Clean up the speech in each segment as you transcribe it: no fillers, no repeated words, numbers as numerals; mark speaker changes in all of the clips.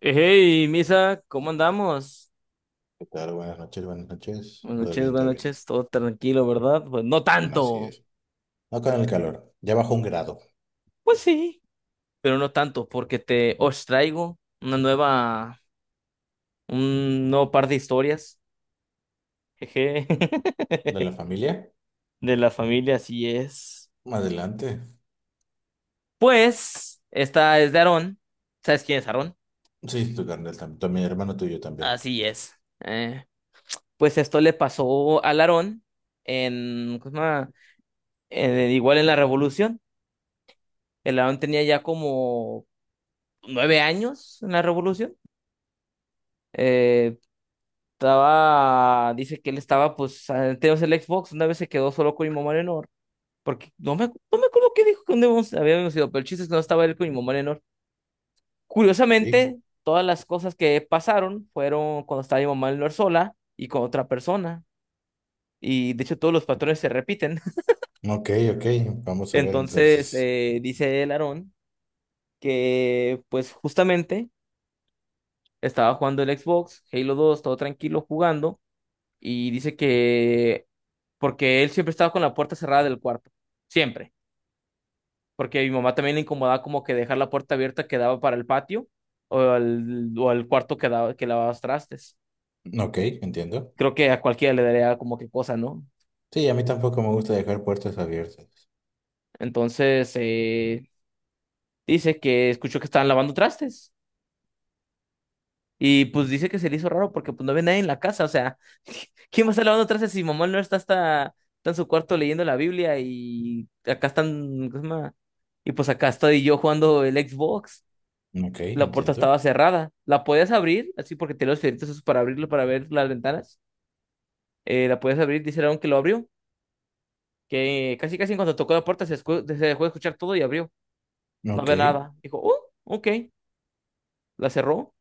Speaker 1: Hey, Misa, ¿cómo andamos?
Speaker 2: ¿Qué tal? Buenas noches, buenas noches. Todo bien,
Speaker 1: Buenas
Speaker 2: todo bien.
Speaker 1: noches, todo tranquilo, ¿verdad? Pues no
Speaker 2: Así
Speaker 1: tanto,
Speaker 2: es. No con el calor. Ya bajó un grado.
Speaker 1: pues sí, pero no tanto, porque te os traigo un nuevo par de historias, jeje,
Speaker 2: ¿De la familia?
Speaker 1: de la familia, así es.
Speaker 2: Más adelante.
Speaker 1: Pues, esta es de Aarón, ¿sabes quién es Aarón?
Speaker 2: Sí, tu carnal también. Mi hermano tuyo también.
Speaker 1: Así es. Eh, pues esto le pasó al Aarón en, ¿cómo se llama? Igual en la Revolución. El Aarón tenía ya como 9 años en la revolución. Eh, Dice que él estaba, pues, antes el Xbox, una vez se quedó solo con mi mamá Leonor, porque no me acuerdo qué dijo cuando habíamos ido, pero el chiste es que no estaba él con mi mamá Leonor.
Speaker 2: Sí.
Speaker 1: Curiosamente, todas las cosas que pasaron fueron cuando estaba mi mamá Leonor sola y con otra persona, y de hecho todos los patrones se repiten.
Speaker 2: Ok, ok. Vamos a ver
Speaker 1: Entonces,
Speaker 2: entonces.
Speaker 1: dice el Aarón que, pues, justamente estaba jugando el Xbox, Halo 2 todo tranquilo jugando y dice que porque él siempre estaba con la puerta cerrada del cuarto, siempre, porque mi mamá también le incomodaba como que dejar la puerta abierta que daba para el patio o al cuarto que daba, que lavabas trastes.
Speaker 2: Ok, entiendo.
Speaker 1: Creo que a cualquiera le daría como que cosa, ¿no?
Speaker 2: Sí, a mí tampoco me gusta dejar puertas abiertas.
Speaker 1: Entonces, dice que escuchó que estaban lavando trastes. Y pues dice que se le hizo raro porque pues no ve nadie en la casa, o sea, ¿quién va a estar lavando trastes si mamá no está, está en su cuarto leyendo la Biblia y acá están, ¿cómo se llama? Y pues acá estoy yo jugando el Xbox,
Speaker 2: Ok,
Speaker 1: la puerta
Speaker 2: entiendo.
Speaker 1: estaba cerrada, la podías abrir, así porque tenía los fierritos esos para abrirlo, para ver las ventanas, la podías abrir, dice Aaron que lo abrió, que casi casi en cuanto tocó la puerta se dejó de escuchar todo y abrió, no
Speaker 2: Ok.
Speaker 1: ve nada, dijo, oh, ok, la cerró.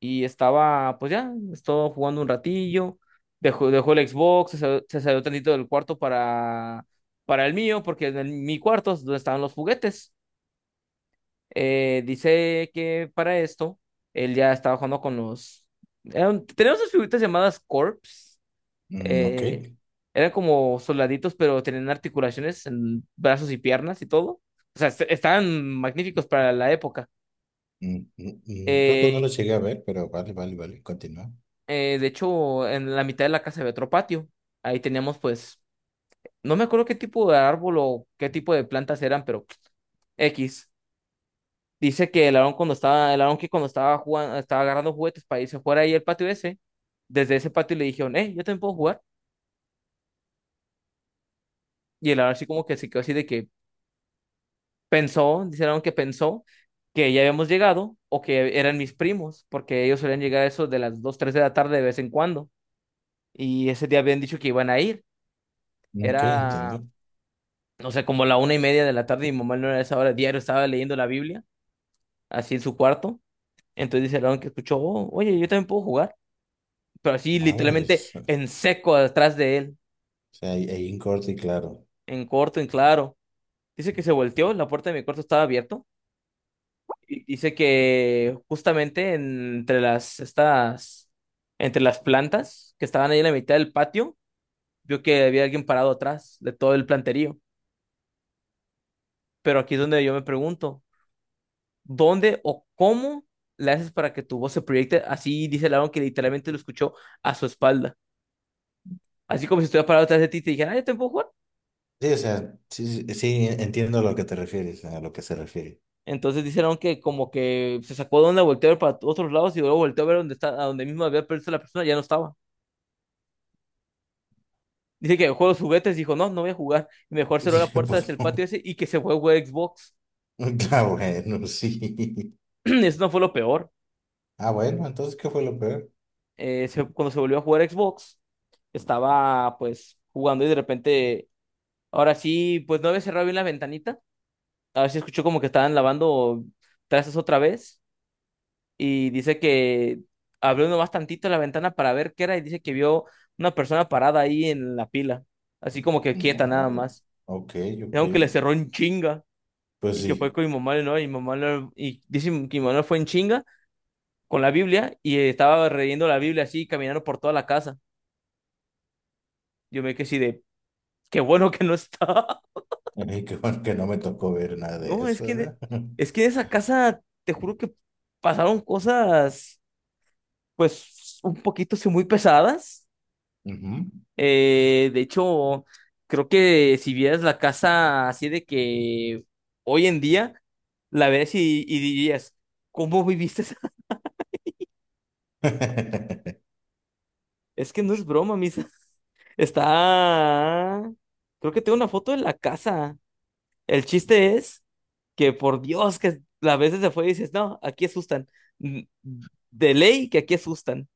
Speaker 1: Y estaba, pues ya, estuvo jugando un ratillo, dejó el Xbox, se salió tantito del cuarto para el mío, porque mi cuarto es donde estaban los juguetes. Dice que para esto, él ya estaba jugando teníamos unas figuritas llamadas Corps.
Speaker 2: Mm, ok.
Speaker 1: eh, eran como soldaditos, pero tenían articulaciones en brazos y piernas y todo. O sea, estaban magníficos para la época.
Speaker 2: Mm, mm, mm, creo que no
Speaker 1: Eh,
Speaker 2: lo llegué a ver, pero vale, vale, vale. Continúa.
Speaker 1: de hecho, en la mitad de la casa había otro patio. Ahí teníamos, pues, no me acuerdo qué tipo de árbol o qué tipo de plantas eran, pero X. Dice que el Aarón que cuando estaba jugando, estaba agarrando juguetes para irse a jugar ahí al patio ese, desde ese patio le dijeron, yo también puedo jugar. Y el Aarón así como que se quedó así de que pensó, dice el Aarón que pensó que ya habíamos llegado o que eran mis primos, porque ellos solían llegar a eso de las 2 3 de la tarde de vez en cuando. Y ese día habían dicho que iban a ir.
Speaker 2: Ok, entiendo.
Speaker 1: Era o sea, como la 1:30 de la tarde, y mi mamá no era a esa hora, diario estaba leyendo la Biblia, así en su cuarto. Entonces dice Aaron que escuchó, "Oh, oye, yo también puedo jugar." Pero así literalmente
Speaker 2: Madres. O
Speaker 1: en seco atrás de él,
Speaker 2: sea, hay un corte y claro.
Speaker 1: en corto, en claro. Dice que se volteó, la puerta de mi cuarto estaba abierto. Y dice que justamente entre las plantas que estaban ahí en la mitad del patio, vio que había alguien parado atrás de todo el planterío. Pero aquí es donde yo me pregunto, dónde o cómo le haces para que tu voz se proyecte. Así dice Laron que literalmente lo escuchó a su espalda. Así como si estuviera parado atrás de ti y te dijera, ay, ¿te puedo jugar?
Speaker 2: Sí, o sea, sí, sí, sí, entiendo a lo que te refieres, a lo que se refiere.
Speaker 1: Entonces dice Laron que como que se sacó de onda, volteó a ver para otros lados y luego volteó a ver dónde está, a donde mismo había perdido la persona, ya no estaba. Dice que jugó los juguetes, dijo, no, no voy a jugar. Y mejor cerró la
Speaker 2: Sí,
Speaker 1: puerta hacia
Speaker 2: pues
Speaker 1: el patio
Speaker 2: no.
Speaker 1: ese y que se fue a jugar Xbox.
Speaker 2: Ah, bueno, sí.
Speaker 1: Eso no fue lo peor.
Speaker 2: Ah, bueno, entonces, ¿qué fue lo peor?
Speaker 1: Cuando se volvió a jugar Xbox, estaba pues jugando y de repente, ahora sí, pues no había cerrado bien la ventanita a ver si escuchó como que estaban lavando trastes otra vez y dice que abrió nomás tantito la ventana para ver qué era y dice que vio una persona parada ahí en la pila, así como que quieta nada
Speaker 2: Madre.
Speaker 1: más.
Speaker 2: Ok,
Speaker 1: Y
Speaker 2: ok.
Speaker 1: aunque le cerró en chinga
Speaker 2: Pues
Speaker 1: y que fue
Speaker 2: sí.
Speaker 1: con mi mamá, ¿no? Y mi mamá y dice que mi mamá fue en chinga con la Biblia y estaba leyendo la Biblia así caminando por toda la casa. Yo me quedé así de, qué bueno que no está.
Speaker 2: Qué bueno que no me tocó ver nada de
Speaker 1: No, es
Speaker 2: eso,
Speaker 1: que
Speaker 2: ¿verdad?
Speaker 1: es que en esa casa te juro que pasaron cosas pues un poquito sí, muy pesadas.
Speaker 2: Ujú.
Speaker 1: De hecho, creo que si vieras la casa así de que hoy en día, la ves y dirías, ¿cómo viviste esa? Es que no es broma, Misa. Está... Creo que tengo una foto de la casa. El chiste es que, por Dios, que a veces se fue y dices, no, aquí asustan. N- De ley que aquí asustan.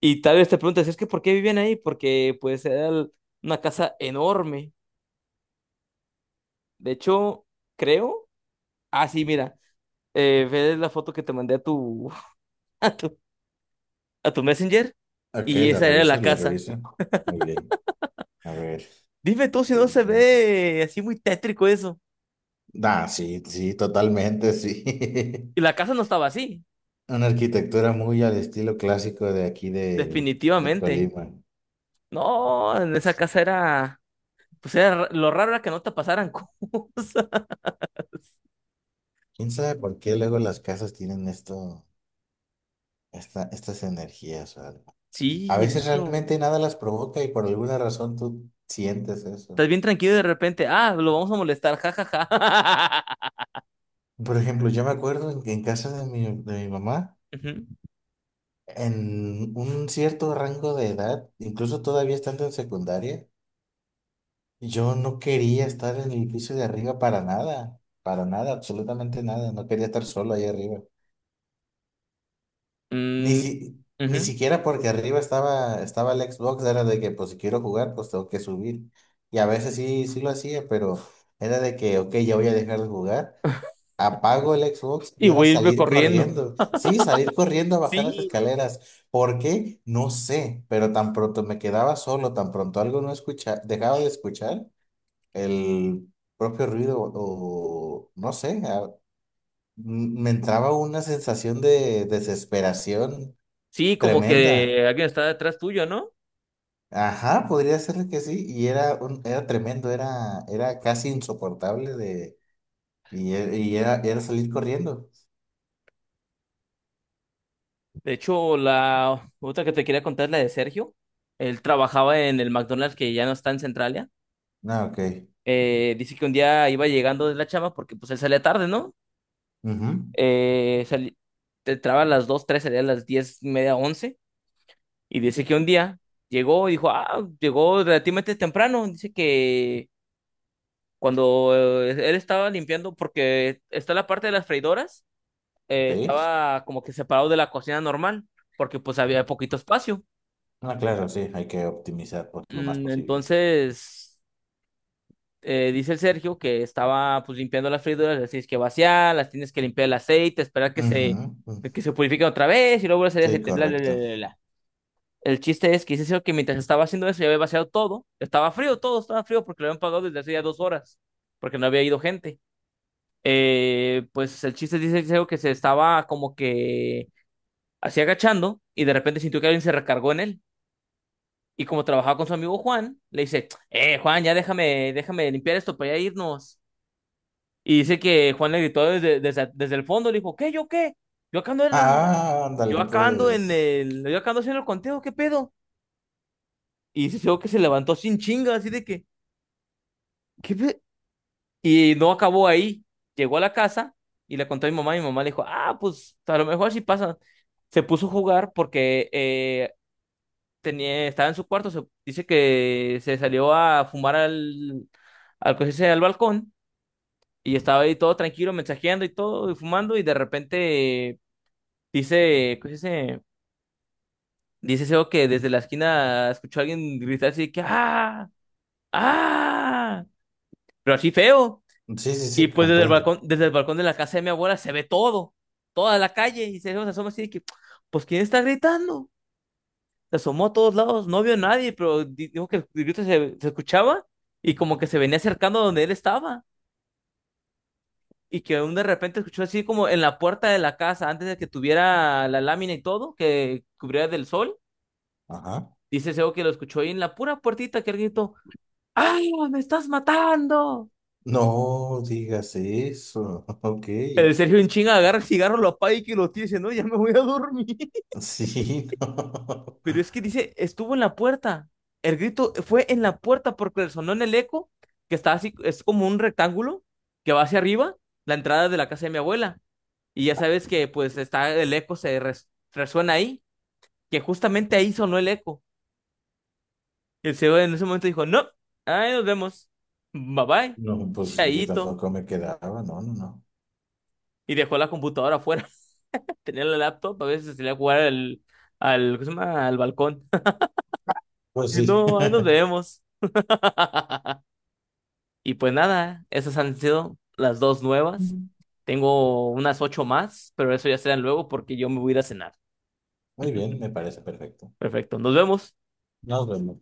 Speaker 1: Y tal vez te preguntas, es que ¿por qué vivían ahí? Porque pues una casa enorme. De hecho, creo. Ah, sí, mira. Ve la foto que te mandé a a tu, a tu Messenger
Speaker 2: Ok,
Speaker 1: y
Speaker 2: la
Speaker 1: esa era
Speaker 2: reviso,
Speaker 1: la
Speaker 2: la
Speaker 1: casa.
Speaker 2: reviso. Muy bien. A ver,
Speaker 1: Dime tú si no se
Speaker 2: viendo.
Speaker 1: ve así muy tétrico eso.
Speaker 2: Ah, sí, sí, totalmente, sí.
Speaker 1: Y la casa no estaba así,
Speaker 2: Una arquitectura muy al estilo clásico de aquí de
Speaker 1: definitivamente.
Speaker 2: Colima.
Speaker 1: No, en esa casa era, pues era ra- lo raro era que no te pasaran cosas.
Speaker 2: ¿Quién sabe por qué luego las casas tienen esto, estas energías o algo? A
Speaker 1: Sí, de
Speaker 2: veces
Speaker 1: hecho,
Speaker 2: realmente nada las provoca y por alguna razón tú sientes eso.
Speaker 1: estás bien tranquilo y de repente, ah, lo vamos a molestar, jajaja.
Speaker 2: Por ejemplo, yo me acuerdo en casa de mi mamá,
Speaker 1: Ujú.
Speaker 2: en un cierto rango de edad, incluso todavía estando en secundaria, yo no quería estar en el piso de arriba para nada, absolutamente nada, no quería estar solo ahí arriba.
Speaker 1: Mm,
Speaker 2: Ni
Speaker 1: ujú.
Speaker 2: siquiera porque arriba estaba, estaba el Xbox, era de que pues si quiero jugar, pues tengo que subir. Y a veces sí, sí lo hacía, pero era de que, ok, ya voy a dejar de jugar. Apago el Xbox
Speaker 1: Y
Speaker 2: y era
Speaker 1: voy a irme
Speaker 2: salir
Speaker 1: corriendo.
Speaker 2: corriendo. Sí, salir corriendo a bajar las
Speaker 1: Sí,
Speaker 2: escaleras. ¿Por qué? No sé, pero tan pronto me quedaba solo, tan pronto algo no escucha, dejaba de escuchar el propio ruido o no sé, me entraba una sensación de desesperación
Speaker 1: sí, como
Speaker 2: tremenda.
Speaker 1: que alguien está detrás tuyo, ¿no?
Speaker 2: Ajá, podría ser que sí. Y era un, era tremendo, era, era casi insoportable de, y era, era salir corriendo.
Speaker 1: De hecho, la otra que te quería contar es la de Sergio. Él trabajaba en el McDonald's que ya no está en Centralia.
Speaker 2: Ah, ok.
Speaker 1: Dice que un día iba llegando de la chama porque pues él salía tarde, ¿no?
Speaker 2: Ujú.
Speaker 1: Eh, sali- Entraba a las 2 3, salía a las 10 media, once. Y dice que un día llegó y dijo, ah, llegó relativamente temprano. Dice que cuando él estaba limpiando, porque está la parte de las freidoras,
Speaker 2: Sí.
Speaker 1: estaba como que separado de la cocina normal, porque pues había poquito espacio.
Speaker 2: Ah, claro, sí, hay que optimizar pues, lo más posible.
Speaker 1: Entonces, dice el Sergio que estaba pues limpiando las frídoras, las tienes que vaciar, las tienes que limpiar el aceite, esperar que
Speaker 2: Ujú,
Speaker 1: se,
Speaker 2: ujú.
Speaker 1: que se purifique otra vez y luego hacer el
Speaker 2: Sí,
Speaker 1: aceite, bla, bla, bla,
Speaker 2: correcto.
Speaker 1: bla, bla. El chiste es que dice Sergio que mientras estaba haciendo eso ya había vaciado todo, estaba frío porque lo habían pagado desde hace ya 2 horas, porque no había ido gente. Pues el chiste dice Sergio que se estaba como que así agachando y de repente sintió que alguien se recargó en él. Y como trabajaba con su amigo Juan, le dice, Juan, ya déjame limpiar esto para ya irnos. Y dice que Juan le gritó desde el fondo, le dijo, ¿qué, yo qué? Yo acá ando en,
Speaker 2: Ah,
Speaker 1: yo
Speaker 2: ándale,
Speaker 1: acá ando en
Speaker 2: pues.
Speaker 1: el, yo acá ando haciendo el conteo, ¿qué pedo? Y dice luego que se levantó sin chinga, así de que, ¿qué pe-?". Y no acabó ahí. Llegó a la casa y le contó a mi mamá, y mi mamá le dijo, ah, pues a lo mejor sí pasa. Se puso a jugar porque estaba en su cuarto, dice que se salió a fumar al, ¿cómo se dice? Al balcón y estaba ahí todo tranquilo, mensajeando y todo, y fumando, y de repente dice, ¿cómo se dice? Dice Seo que desde la esquina escuchó a alguien gritar así que ¡ah! ¡Ah! Pero así feo.
Speaker 2: Sí, sí,
Speaker 1: Y
Speaker 2: sí,
Speaker 1: pues desde el
Speaker 2: comprendo.
Speaker 1: balcón, desde el balcón de la casa de mi abuela se ve todo, toda la calle, y Seo se asoma así de que, pues ¿quién está gritando? Se asomó a todos lados, no vio a nadie, pero dijo que el grito se escuchaba y como que se venía acercando a donde él estaba y que aún de repente escuchó así como en la puerta de la casa, antes de que tuviera la lámina y todo, que cubriera del sol,
Speaker 2: Ajá.
Speaker 1: dice Seo que lo escuchó ahí en la pura puertita que él gritó, ¡Ay, no, me estás matando!
Speaker 2: No digas eso. Ok.
Speaker 1: El Sergio en chinga agarra el cigarro, lo apaga y que lo tira y dice, no, ya me voy a dormir.
Speaker 2: Sí, no.
Speaker 1: Pero es que dice, estuvo en la puerta. El grito fue en la puerta porque resonó en el eco, que está así, es como un rectángulo que va hacia arriba, la entrada de la casa de mi abuela. Y ya sabes que pues está el eco, se resuena ahí, que justamente ahí sonó el eco. Y el señor en ese momento dijo, no, ahí nos vemos. Bye bye,
Speaker 2: No, pues sí, yo
Speaker 1: chaito.
Speaker 2: tampoco me quedaba. No, no, no.
Speaker 1: Y dejó la computadora afuera. Tenía la laptop, a veces se salía a jugar al, ¿cómo se llama? Al balcón.
Speaker 2: Pues
Speaker 1: Y,
Speaker 2: sí.
Speaker 1: no, ahí nos vemos. Y pues nada, esas han sido las dos nuevas. Tengo unas ocho más, pero eso ya serán luego porque yo me voy a ir a cenar.
Speaker 2: Muy bien, me parece perfecto.
Speaker 1: Perfecto, nos vemos.
Speaker 2: Nos vemos.